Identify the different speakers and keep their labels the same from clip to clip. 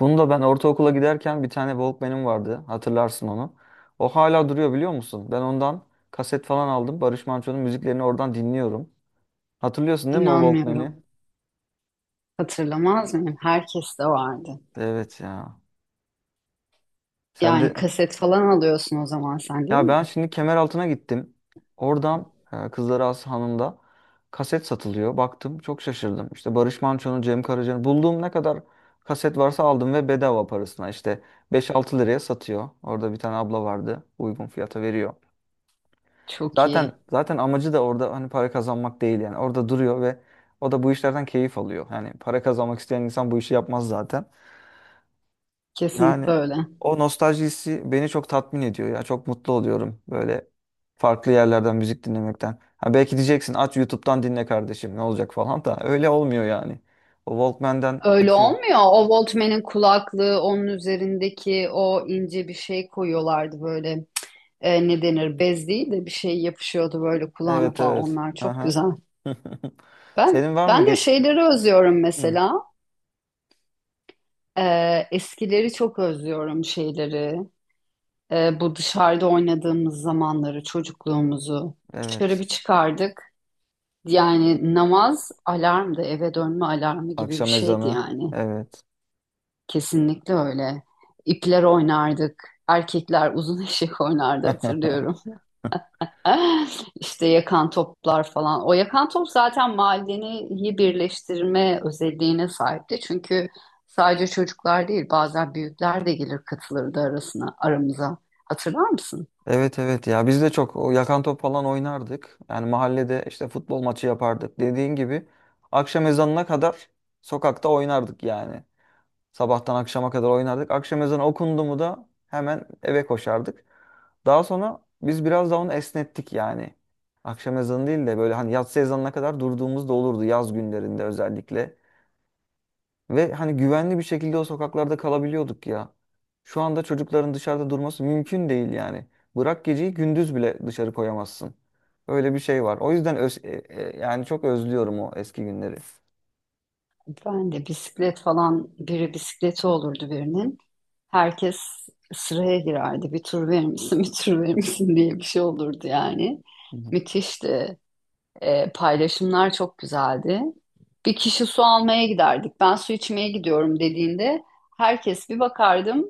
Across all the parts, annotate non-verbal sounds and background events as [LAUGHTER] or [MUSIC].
Speaker 1: Bunu da ben ortaokula giderken bir tane Walkman'im vardı. Hatırlarsın onu. O hala duruyor biliyor musun? Ben ondan kaset falan aldım. Barış Manço'nun müziklerini oradan dinliyorum. Hatırlıyorsun değil mi o Walkman'i?
Speaker 2: İnanmıyorum. Hatırlamaz mıyım? Herkes de vardı.
Speaker 1: Evet ya. Sen
Speaker 2: Yani
Speaker 1: de
Speaker 2: kaset falan alıyorsun o zaman sen değil
Speaker 1: ya ben
Speaker 2: mi?
Speaker 1: şimdi Kemeraltı'na gittim. Oradan Kızlarağası Hanı'nda kaset satılıyor. Baktım çok şaşırdım. İşte Barış Manço'nun, Cem Karaca'nın bulduğum ne kadar kaset varsa aldım ve bedava parasına işte 5-6 liraya satıyor. Orada bir tane abla vardı. Uygun fiyata veriyor.
Speaker 2: Çok
Speaker 1: Zaten
Speaker 2: iyi.
Speaker 1: zaten amacı da orada hani para kazanmak değil yani. Orada duruyor ve o da bu işlerden keyif alıyor. Yani para kazanmak isteyen insan bu işi yapmaz zaten. Yani
Speaker 2: Kesinlikle öyle.
Speaker 1: o nostaljisi beni çok tatmin ediyor ya. Çok mutlu oluyorum böyle farklı yerlerden müzik dinlemekten. Ha belki diyeceksin aç YouTube'dan dinle kardeşim ne olacak falan da [LAUGHS] öyle olmuyor yani. O Walkman'den
Speaker 2: Öyle
Speaker 1: açıyorum.
Speaker 2: olmuyor. O Walkman'in kulaklığı, onun üzerindeki o ince bir şey koyuyorlardı böyle. Ne denir? Bez değil de bir şey yapışıyordu böyle kulağına
Speaker 1: Evet
Speaker 2: falan.
Speaker 1: evet.
Speaker 2: Onlar çok
Speaker 1: Aha.
Speaker 2: güzel.
Speaker 1: [LAUGHS]
Speaker 2: Ben
Speaker 1: Senin var mı
Speaker 2: ben de
Speaker 1: geç?
Speaker 2: şeyleri özlüyorum
Speaker 1: Hı,
Speaker 2: mesela. E, Eskileri çok özlüyorum şeyleri. Bu dışarıda oynadığımız zamanları, çocukluğumuzu dışarı
Speaker 1: evet.
Speaker 2: bir çıkardık. Yani namaz alarmdı, eve dönme alarmı gibi bir
Speaker 1: Akşam
Speaker 2: şeydi
Speaker 1: ezanı.
Speaker 2: yani.
Speaker 1: Evet.
Speaker 2: Kesinlikle öyle. İpler oynardık. Erkekler uzun [LAUGHS] eşek oynardı
Speaker 1: [LAUGHS]
Speaker 2: hatırlıyorum. [LAUGHS] İşte yakan toplar falan. O yakan top zaten mahalleyi birleştirme özelliğine sahipti. Çünkü sadece çocuklar değil, bazen büyükler de gelir katılırdı arasına, aramıza. Hatırlar mısın?
Speaker 1: Evet evet ya biz de çok o yakan top falan oynardık. Yani mahallede işte futbol maçı yapardık. Dediğin gibi akşam ezanına kadar sokakta oynardık yani. Sabahtan akşama kadar oynardık. Akşam ezanı okundu mu da hemen eve koşardık. Daha sonra biz biraz daha onu esnettik yani. Akşam ezanı değil de böyle hani yatsı ezanına kadar durduğumuz da olurdu yaz günlerinde özellikle. Ve hani güvenli bir şekilde o sokaklarda kalabiliyorduk ya. Şu anda çocukların dışarıda durması mümkün değil yani. Bırak geceyi gündüz bile dışarı koyamazsın. Öyle bir şey var. O yüzden yani çok özlüyorum o eski günleri.
Speaker 2: Ben de bisiklet falan biri bisikleti olurdu birinin. Herkes sıraya girerdi. Bir tur verir misin, [LAUGHS] bir tur verir misin diye bir şey olurdu yani.
Speaker 1: Hı hı.
Speaker 2: Müthişti. Paylaşımlar çok güzeldi. Bir kişi su almaya giderdik. Ben su içmeye gidiyorum dediğinde herkes bir bakardım.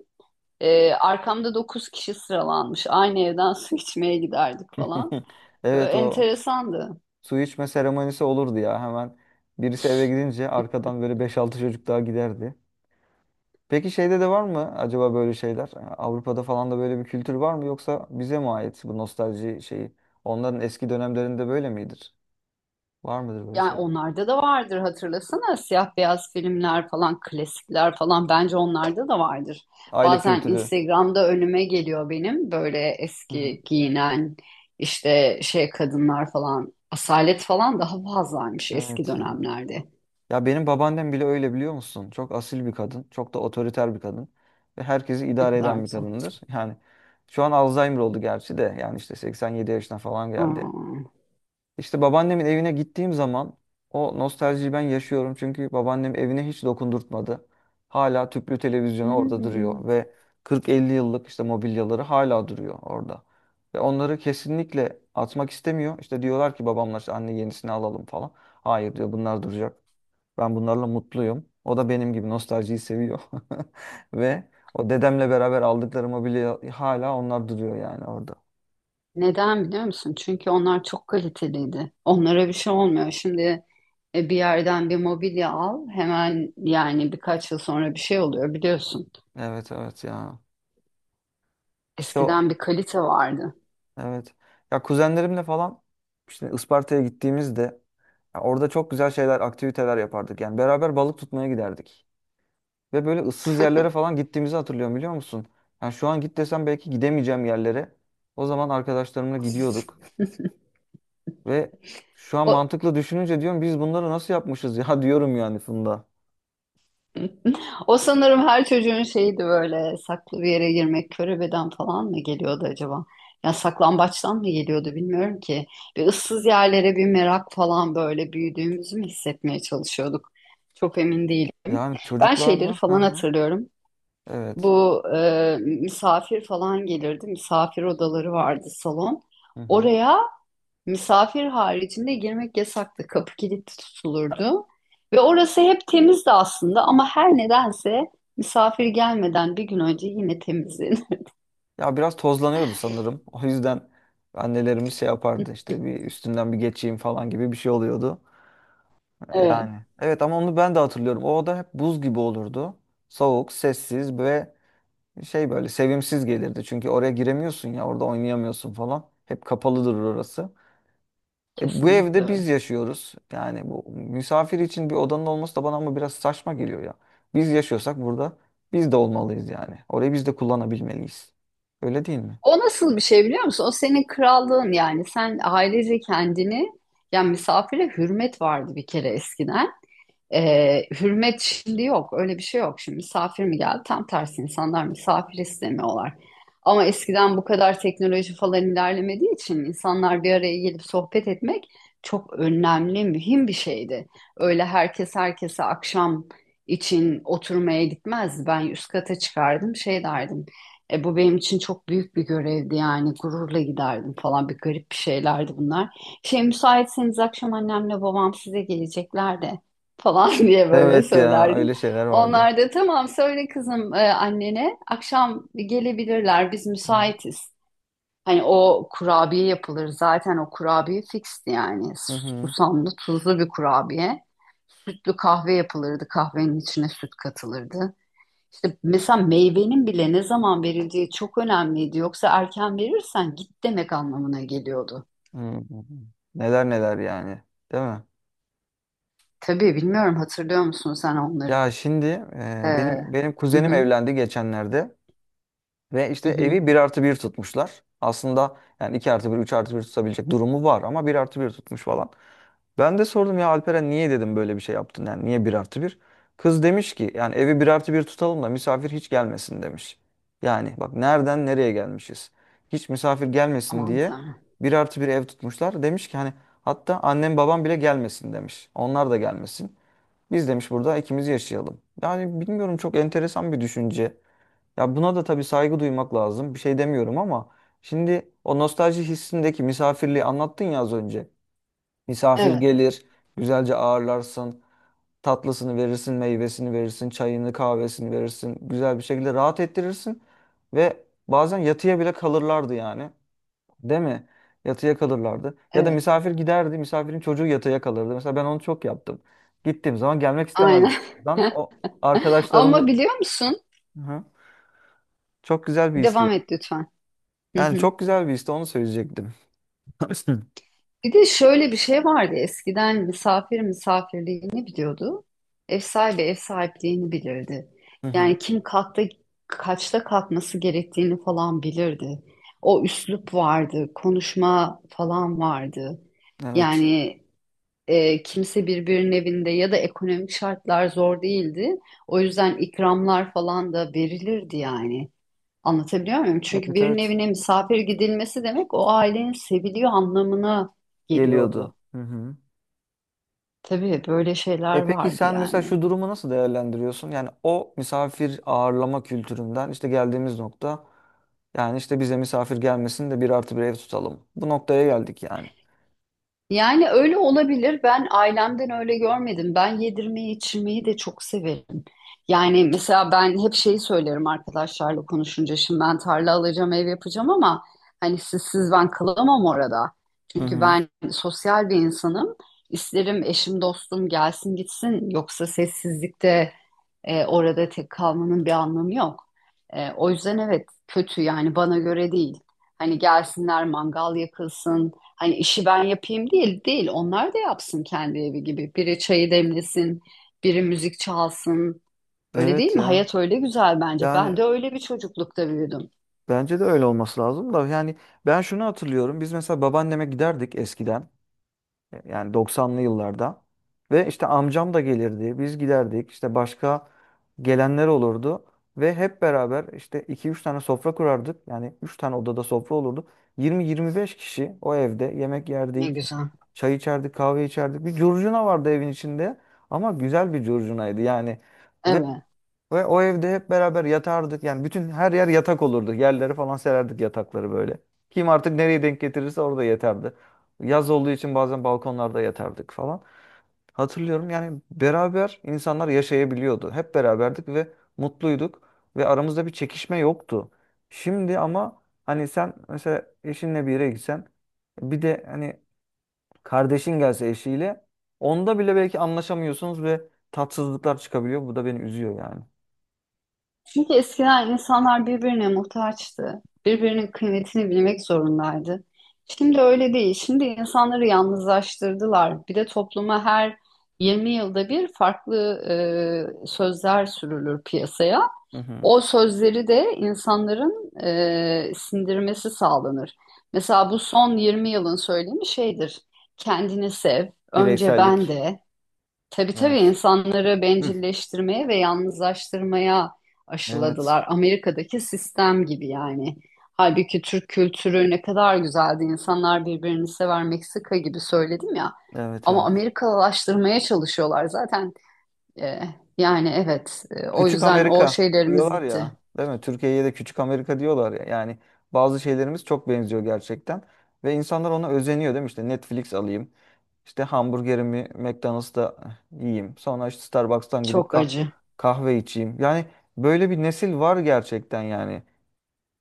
Speaker 2: Arkamda dokuz kişi sıralanmış. Aynı evden [LAUGHS] su içmeye giderdik falan.
Speaker 1: [LAUGHS]
Speaker 2: Böyle
Speaker 1: Evet o
Speaker 2: enteresandı.
Speaker 1: su içme seremonisi olurdu ya hemen. Birisi eve gidince arkadan böyle beş altı çocuk daha giderdi. Peki şeyde de var mı acaba böyle şeyler? Avrupa'da falan da böyle bir kültür var mı yoksa bize mi ait bu nostalji şeyi? Onların eski dönemlerinde böyle midir? Var mıdır böyle
Speaker 2: Yani
Speaker 1: şeyler?
Speaker 2: onlarda da vardır, hatırlasana, siyah beyaz filmler falan, klasikler falan, bence onlarda da vardır.
Speaker 1: Aile
Speaker 2: Bazen
Speaker 1: kültürü.
Speaker 2: Instagram'da önüme geliyor benim, böyle
Speaker 1: Hı hı.
Speaker 2: eski giyinen işte şey kadınlar falan, asalet falan daha fazlaymış eski
Speaker 1: Evet ya.
Speaker 2: dönemlerde.
Speaker 1: Ya benim babaannem bile öyle biliyor musun? Çok asil bir kadın. Çok da otoriter bir kadın. Ve herkesi
Speaker 2: Ne
Speaker 1: idare
Speaker 2: kadar
Speaker 1: eden bir
Speaker 2: güzel.
Speaker 1: kadındır. Yani şu an Alzheimer oldu gerçi de. Yani işte 87 yaşına falan geldi.
Speaker 2: Aa.
Speaker 1: İşte babaannemin evine gittiğim zaman o nostaljiyi ben yaşıyorum. Çünkü babaannem evine hiç dokundurtmadı. Hala tüplü televizyonu orada
Speaker 2: Hmm.
Speaker 1: duruyor ve 40-50 yıllık işte mobilyaları hala duruyor orada. Ve onları kesinlikle atmak istemiyor. İşte diyorlar ki babamlar işte anne yenisini alalım falan. Hayır diyor bunlar duracak. Ben bunlarla mutluyum. O da benim gibi nostaljiyi seviyor. [LAUGHS] Ve o dedemle beraber aldıkları mobilya hala onlar duruyor yani orada.
Speaker 2: Neden biliyor musun? Çünkü onlar çok kaliteliydi. Onlara bir şey olmuyor. Şimdi bir yerden bir mobilya al, hemen yani birkaç yıl sonra bir şey oluyor biliyorsun.
Speaker 1: Evet evet ya. İşte o
Speaker 2: Eskiden bir kalite vardı.
Speaker 1: Evet. Ya kuzenlerimle falan işte Isparta'ya gittiğimizde ya orada çok güzel şeyler, aktiviteler yapardık. Yani beraber balık tutmaya giderdik. Ve böyle ıssız yerlere falan gittiğimizi hatırlıyorum biliyor musun? Yani şu an git desem belki gidemeyeceğim yerlere. O zaman arkadaşlarımla gidiyorduk. Ve şu an
Speaker 2: O,
Speaker 1: mantıklı düşününce diyorum biz bunları nasıl yapmışız ya [LAUGHS] diyorum yani Funda.
Speaker 2: o sanırım her çocuğun şeydi, böyle saklı bir yere girmek körebeden falan mı geliyordu acaba? Ya saklambaçtan mı geliyordu bilmiyorum ki. Bir ıssız yerlere bir merak falan, böyle büyüdüğümüzü mü hissetmeye çalışıyorduk? Çok emin değilim.
Speaker 1: Yani
Speaker 2: Ben şeyleri
Speaker 1: çocuklarla. Hı
Speaker 2: falan
Speaker 1: hı.
Speaker 2: hatırlıyorum.
Speaker 1: Evet.
Speaker 2: Bu misafir falan gelirdi. Misafir odaları vardı, salon.
Speaker 1: Hı hı.
Speaker 2: Oraya misafir haricinde girmek yasaktı. Kapı kilitli tutulurdu. Ve orası hep temizdi aslında, ama her nedense misafir gelmeden bir gün önce yine temizdi.
Speaker 1: Ya biraz tozlanıyordu sanırım. O yüzden annelerimiz şey yapardı
Speaker 2: [LAUGHS]
Speaker 1: işte bir üstünden bir geçeyim falan gibi bir şey oluyordu.
Speaker 2: Evet,
Speaker 1: Yani. Evet ama onu ben de hatırlıyorum. O oda hep buz gibi olurdu. Soğuk, sessiz ve şey böyle sevimsiz gelirdi. Çünkü oraya giremiyorsun ya orada oynayamıyorsun falan. Hep kapalıdır orası. E, bu
Speaker 2: kesinlikle
Speaker 1: evde
Speaker 2: öyle.
Speaker 1: biz yaşıyoruz. Yani bu misafir için bir odanın olması da bana ama biraz saçma geliyor ya. Biz yaşıyorsak burada biz de olmalıyız yani. Orayı biz de kullanabilmeliyiz. Öyle değil mi?
Speaker 2: O nasıl bir şey biliyor musun? O senin krallığın yani. Sen ailece kendini, yani misafire hürmet vardı bir kere eskiden. Hürmet şimdi yok. Öyle bir şey yok. Şimdi misafir mi geldi? Tam tersi, insanlar misafir istemiyorlar. Ama eskiden bu kadar teknoloji falan ilerlemediği için insanlar bir araya gelip sohbet etmek çok önemli, mühim bir şeydi. Öyle herkes herkese akşam için oturmaya gitmezdi. Ben üst kata çıkardım, şey derdim. Bu benim için çok büyük bir görevdi yani, gururla giderdim falan, bir garip bir şeylerdi bunlar. Şey, müsaitseniz akşam annemle babam size gelecekler de falan [LAUGHS] diye böyle
Speaker 1: Evet ya
Speaker 2: söylerdim.
Speaker 1: öyle şeyler vardı.
Speaker 2: Onlar da tamam söyle kızım, annene akşam gelebilirler, biz
Speaker 1: Hı hı.
Speaker 2: müsaitiz. Hani o kurabiye yapılır zaten, o kurabiye fixti yani,
Speaker 1: Hı hı.
Speaker 2: susamlı tuzlu bir kurabiye. Sütlü kahve yapılırdı, kahvenin içine süt katılırdı. İşte mesela meyvenin bile ne zaman verildiği çok önemliydi. Yoksa erken verirsen git demek anlamına geliyordu.
Speaker 1: Hı hı. Neler neler yani, değil mi?
Speaker 2: Tabii, bilmiyorum, hatırlıyor musun sen onları?
Speaker 1: Ya şimdi
Speaker 2: Ee,
Speaker 1: benim
Speaker 2: hı
Speaker 1: kuzenim
Speaker 2: hı,
Speaker 1: evlendi geçenlerde. Ve
Speaker 2: hı
Speaker 1: işte
Speaker 2: hı.
Speaker 1: evi bir artı bir tutmuşlar. Aslında yani 2 artı bir, 3 artı bir tutabilecek durumu var ama bir artı bir tutmuş falan. Ben de sordum ya Alperen niye dedim böyle bir şey yaptın yani niye bir artı bir? Kız demiş ki yani evi bir artı bir tutalım da misafir hiç gelmesin demiş. Yani bak nereden nereye gelmişiz. Hiç misafir gelmesin
Speaker 2: Aman
Speaker 1: diye
Speaker 2: Tanrım.
Speaker 1: bir artı bir ev tutmuşlar. Demiş ki hani hatta annem babam bile gelmesin demiş. Onlar da gelmesin. Biz demiş burada ikimiz yaşayalım. Yani bilmiyorum çok enteresan bir düşünce. Ya buna da tabii saygı duymak lazım. Bir şey demiyorum ama şimdi o nostalji hissindeki misafirliği anlattın ya az önce. Misafir
Speaker 2: Evet,
Speaker 1: gelir, güzelce ağırlarsın, tatlısını verirsin, meyvesini verirsin, çayını, kahvesini verirsin. Güzel bir şekilde rahat ettirirsin ve bazen yatıya bile kalırlardı yani. Değil mi? Yatıya kalırlardı. Ya da
Speaker 2: evet.
Speaker 1: misafir giderdi, misafirin çocuğu yatıya kalırdı. Mesela ben onu çok yaptım. Gittiğim zaman gelmek istemezdim.
Speaker 2: Aynen.
Speaker 1: Ben o
Speaker 2: [LAUGHS]
Speaker 1: arkadaşlarımla
Speaker 2: Ama biliyor musun?
Speaker 1: Hı hı. çok güzel bir histi
Speaker 2: Devam et lütfen. Hı
Speaker 1: Yani
Speaker 2: hı.
Speaker 1: çok güzel bir işte onu söyleyecektim. [LAUGHS]
Speaker 2: Bir de şöyle bir şey vardı. Eskiden misafir misafirliğini biliyordu. Ev sahibi ev sahipliğini bilirdi.
Speaker 1: Hı hı.
Speaker 2: Yani kim kalkta kaçta kalkması gerektiğini falan bilirdi. O üslup vardı, konuşma falan vardı.
Speaker 1: Evet.
Speaker 2: Yani kimse birbirinin evinde ya da ekonomik şartlar zor değildi. O yüzden ikramlar falan da verilirdi yani. Anlatabiliyor muyum? Çünkü
Speaker 1: Evet
Speaker 2: birinin
Speaker 1: evet.
Speaker 2: evine misafir gidilmesi demek o ailenin seviliyor anlamına
Speaker 1: Geliyordu.
Speaker 2: geliyordu.
Speaker 1: Hı hı.
Speaker 2: Tabii böyle şeyler
Speaker 1: E peki
Speaker 2: vardı
Speaker 1: sen mesela
Speaker 2: yani.
Speaker 1: şu durumu nasıl değerlendiriyorsun? Yani o misafir ağırlama kültüründen işte geldiğimiz nokta yani işte bize misafir gelmesin de bir artı bir ev tutalım. Bu noktaya geldik yani.
Speaker 2: Yani öyle olabilir. Ben ailemden öyle görmedim. Ben yedirmeyi, içirmeyi de çok severim. Yani mesela ben hep şeyi söylerim arkadaşlarla konuşunca. Şimdi ben tarla alacağım, ev yapacağım, ama hani sizsiz ben kalamam orada.
Speaker 1: Hı
Speaker 2: Çünkü
Speaker 1: hı.
Speaker 2: ben sosyal bir insanım. İsterim eşim, dostum gelsin gitsin. Yoksa sessizlikte, orada tek kalmanın bir anlamı yok. O yüzden evet, kötü yani, bana göre değil. Hani gelsinler, mangal yakılsın. Hani işi ben yapayım değil değil. Onlar da yapsın kendi evi gibi. Biri çayı demlesin, biri müzik çalsın. Öyle değil
Speaker 1: Evet
Speaker 2: mi?
Speaker 1: ya.
Speaker 2: Hayat öyle güzel bence. Ben
Speaker 1: Yani
Speaker 2: de öyle bir çocuklukta büyüdüm.
Speaker 1: bence de öyle olması lazım da yani ben şunu hatırlıyorum. Biz mesela babaanneme giderdik eskiden. Yani 90'lı yıllarda. Ve işte amcam da gelirdi. Biz giderdik. İşte başka gelenler olurdu. Ve hep beraber işte iki üç tane sofra kurardık. Yani 3 tane odada sofra olurdu. 20-25 kişi o evde yemek
Speaker 2: Ne
Speaker 1: yerdik.
Speaker 2: güzel.
Speaker 1: Çay içerdik, kahve içerdik. Bir curcuna vardı evin içinde. Ama güzel bir curcunaydı yani.
Speaker 2: Evet.
Speaker 1: Ve o evde hep beraber yatardık. Yani bütün her yer yatak olurdu. Yerlere falan sererdik yatakları böyle. Kim artık nereye denk getirirse orada yatardı. Yaz olduğu için bazen balkonlarda yatardık falan. Hatırlıyorum yani beraber insanlar yaşayabiliyordu. Hep beraberdik ve mutluyduk ve aramızda bir çekişme yoktu. Şimdi ama hani sen mesela eşinle bir yere gitsen bir de hani kardeşin gelse eşiyle onda bile belki anlaşamıyorsunuz ve tatsızlıklar çıkabiliyor. Bu da beni üzüyor yani.
Speaker 2: Çünkü eskiden insanlar birbirine muhtaçtı. Birbirinin kıymetini bilmek zorundaydı. Şimdi öyle değil. Şimdi insanları yalnızlaştırdılar. Bir de topluma her 20 yılda bir farklı sözler sürülür piyasaya.
Speaker 1: Hı hı.
Speaker 2: O sözleri de insanların sindirmesi sağlanır. Mesela bu son 20 yılın söylemi şeydir. Kendini sev, önce ben
Speaker 1: Bireysellik.
Speaker 2: de. Tabii tabii,
Speaker 1: Evet.
Speaker 2: insanları
Speaker 1: Hı.
Speaker 2: bencilleştirmeye ve yalnızlaştırmaya
Speaker 1: Evet.
Speaker 2: aşıladılar. Amerika'daki sistem gibi yani. Halbuki Türk kültürü ne kadar güzeldi. İnsanlar birbirini sever, Meksika gibi söyledim ya.
Speaker 1: Evet
Speaker 2: Ama
Speaker 1: evet.
Speaker 2: Amerikalılaştırmaya çalışıyorlar zaten. Ee, Yani evet, o
Speaker 1: Küçük
Speaker 2: yüzden o
Speaker 1: Amerika
Speaker 2: şeylerimiz
Speaker 1: diyorlar
Speaker 2: gitti.
Speaker 1: ya, değil mi? Türkiye'ye de Küçük Amerika diyorlar ya. Yani bazı şeylerimiz çok benziyor gerçekten. Ve insanlar ona özeniyor değil mi? İşte Netflix alayım. İşte hamburgerimi McDonald's'ta yiyeyim. Sonra işte Starbucks'tan gidip
Speaker 2: Çok acı.
Speaker 1: kahve içeyim. Yani böyle bir nesil var gerçekten yani.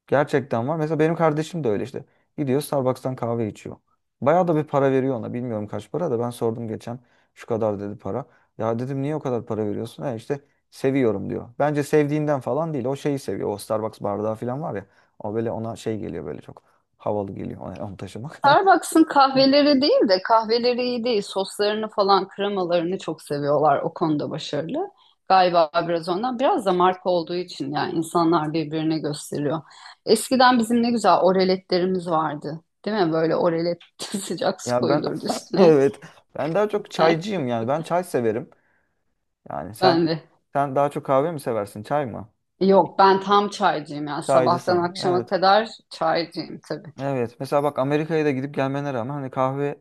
Speaker 1: Gerçekten var. Mesela benim kardeşim de öyle işte. Gidiyor Starbucks'tan kahve içiyor. Bayağı da bir para veriyor ona. Bilmiyorum kaç para da ben sordum geçen. Şu kadar dedi para. Ya dedim niye o kadar para veriyorsun? E işte seviyorum diyor. Bence sevdiğinden falan değil. O şeyi seviyor. O Starbucks bardağı falan var ya. O böyle ona şey geliyor böyle çok havalı geliyor onu taşımak.
Speaker 2: Starbucks'ın
Speaker 1: [LAUGHS] Hı.
Speaker 2: kahveleri değil de kahveleri iyi değil. Soslarını falan, kremalarını çok seviyorlar. O konuda başarılı. Galiba biraz ondan. Biraz da marka olduğu için yani, insanlar birbirine gösteriyor. Eskiden bizim ne güzel oreletlerimiz vardı. Değil mi? Böyle orelet, [LAUGHS] sıcak su
Speaker 1: Ya ben
Speaker 2: koyulurdu
Speaker 1: [LAUGHS]
Speaker 2: üstüne.
Speaker 1: evet. Ben daha çok
Speaker 2: [LAUGHS]
Speaker 1: çaycıyım yani. Ben çay severim. Yani sen
Speaker 2: Ben de.
Speaker 1: daha çok kahve mi seversin? Çay mı?
Speaker 2: Yok, ben tam çaycıyım yani, sabahtan
Speaker 1: Çaycısın.
Speaker 2: akşama
Speaker 1: Evet.
Speaker 2: kadar çaycıyım tabii.
Speaker 1: Evet. Mesela bak Amerika'ya da gidip gelmene rağmen hani kahve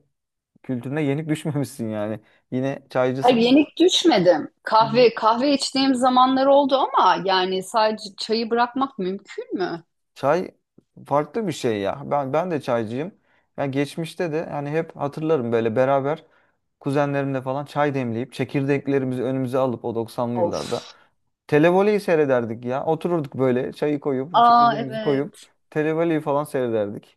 Speaker 1: kültürüne yenik [LAUGHS] düşmemişsin yani. Yine
Speaker 2: Hayır,
Speaker 1: çaycısın.
Speaker 2: yenik düşmedim.
Speaker 1: Hı hı.
Speaker 2: Kahve kahve içtiğim zamanlar oldu ama yani sadece çayı bırakmak mümkün mü?
Speaker 1: Çay farklı bir şey ya. Ben de çaycıyım. Yani geçmişte de yani hep hatırlarım böyle beraber kuzenlerimle falan çay demleyip çekirdeklerimizi önümüze alıp o 90'lı yıllarda
Speaker 2: Of.
Speaker 1: televoleyi seyrederdik ya. Otururduk böyle çayı koyup
Speaker 2: Aa,
Speaker 1: çekirdeğimizi koyup
Speaker 2: evet.
Speaker 1: televoleyi falan seyrederdik.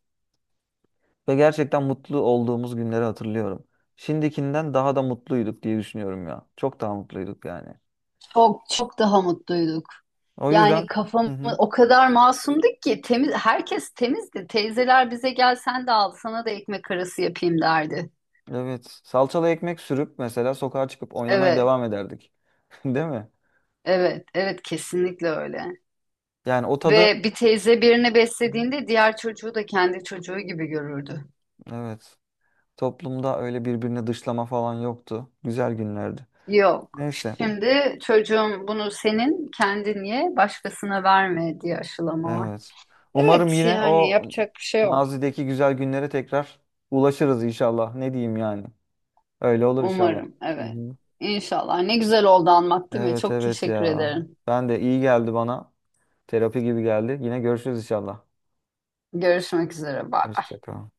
Speaker 1: Ve gerçekten mutlu olduğumuz günleri hatırlıyorum. Şimdikinden daha da mutluyduk diye düşünüyorum ya. Çok daha mutluyduk yani.
Speaker 2: Çok çok daha mutluyduk.
Speaker 1: O
Speaker 2: Yani
Speaker 1: yüzden hı hı,
Speaker 2: o kadar masumduk ki, temiz, herkes temizdi. Teyzeler bize gel, sen de al, sana da ekmek arası yapayım derdi.
Speaker 1: evet salçalı ekmek sürüp mesela sokağa çıkıp oynamaya
Speaker 2: Evet,
Speaker 1: devam ederdik. [LAUGHS] Değil mi?
Speaker 2: evet, evet, kesinlikle öyle.
Speaker 1: Yani o tadı
Speaker 2: Ve bir teyze birini
Speaker 1: Hı hı.
Speaker 2: beslediğinde diğer çocuğu da kendi çocuğu gibi görürdü.
Speaker 1: evet. Toplumda öyle birbirini dışlama falan yoktu. Güzel günlerdi.
Speaker 2: Yok.
Speaker 1: Neyse bu.
Speaker 2: Şimdi çocuğum bunu senin kendin ye, başkasına verme diye aşılama var.
Speaker 1: Evet.
Speaker 2: Evet
Speaker 1: Umarım yine
Speaker 2: yani,
Speaker 1: o
Speaker 2: yapacak bir şey yok.
Speaker 1: mazideki güzel günlere tekrar ulaşırız inşallah. Ne diyeyim yani. Öyle olur inşallah.
Speaker 2: Umarım.
Speaker 1: Hı
Speaker 2: Evet.
Speaker 1: hı.
Speaker 2: İnşallah. Ne güzel oldu, anlat, değil mi?
Speaker 1: Evet
Speaker 2: Çok
Speaker 1: evet
Speaker 2: teşekkür
Speaker 1: ya.
Speaker 2: ederim.
Speaker 1: Ben de iyi geldi bana. Terapi gibi geldi. Yine görüşürüz inşallah.
Speaker 2: Görüşmek üzere. Bye.
Speaker 1: Hoşça kal.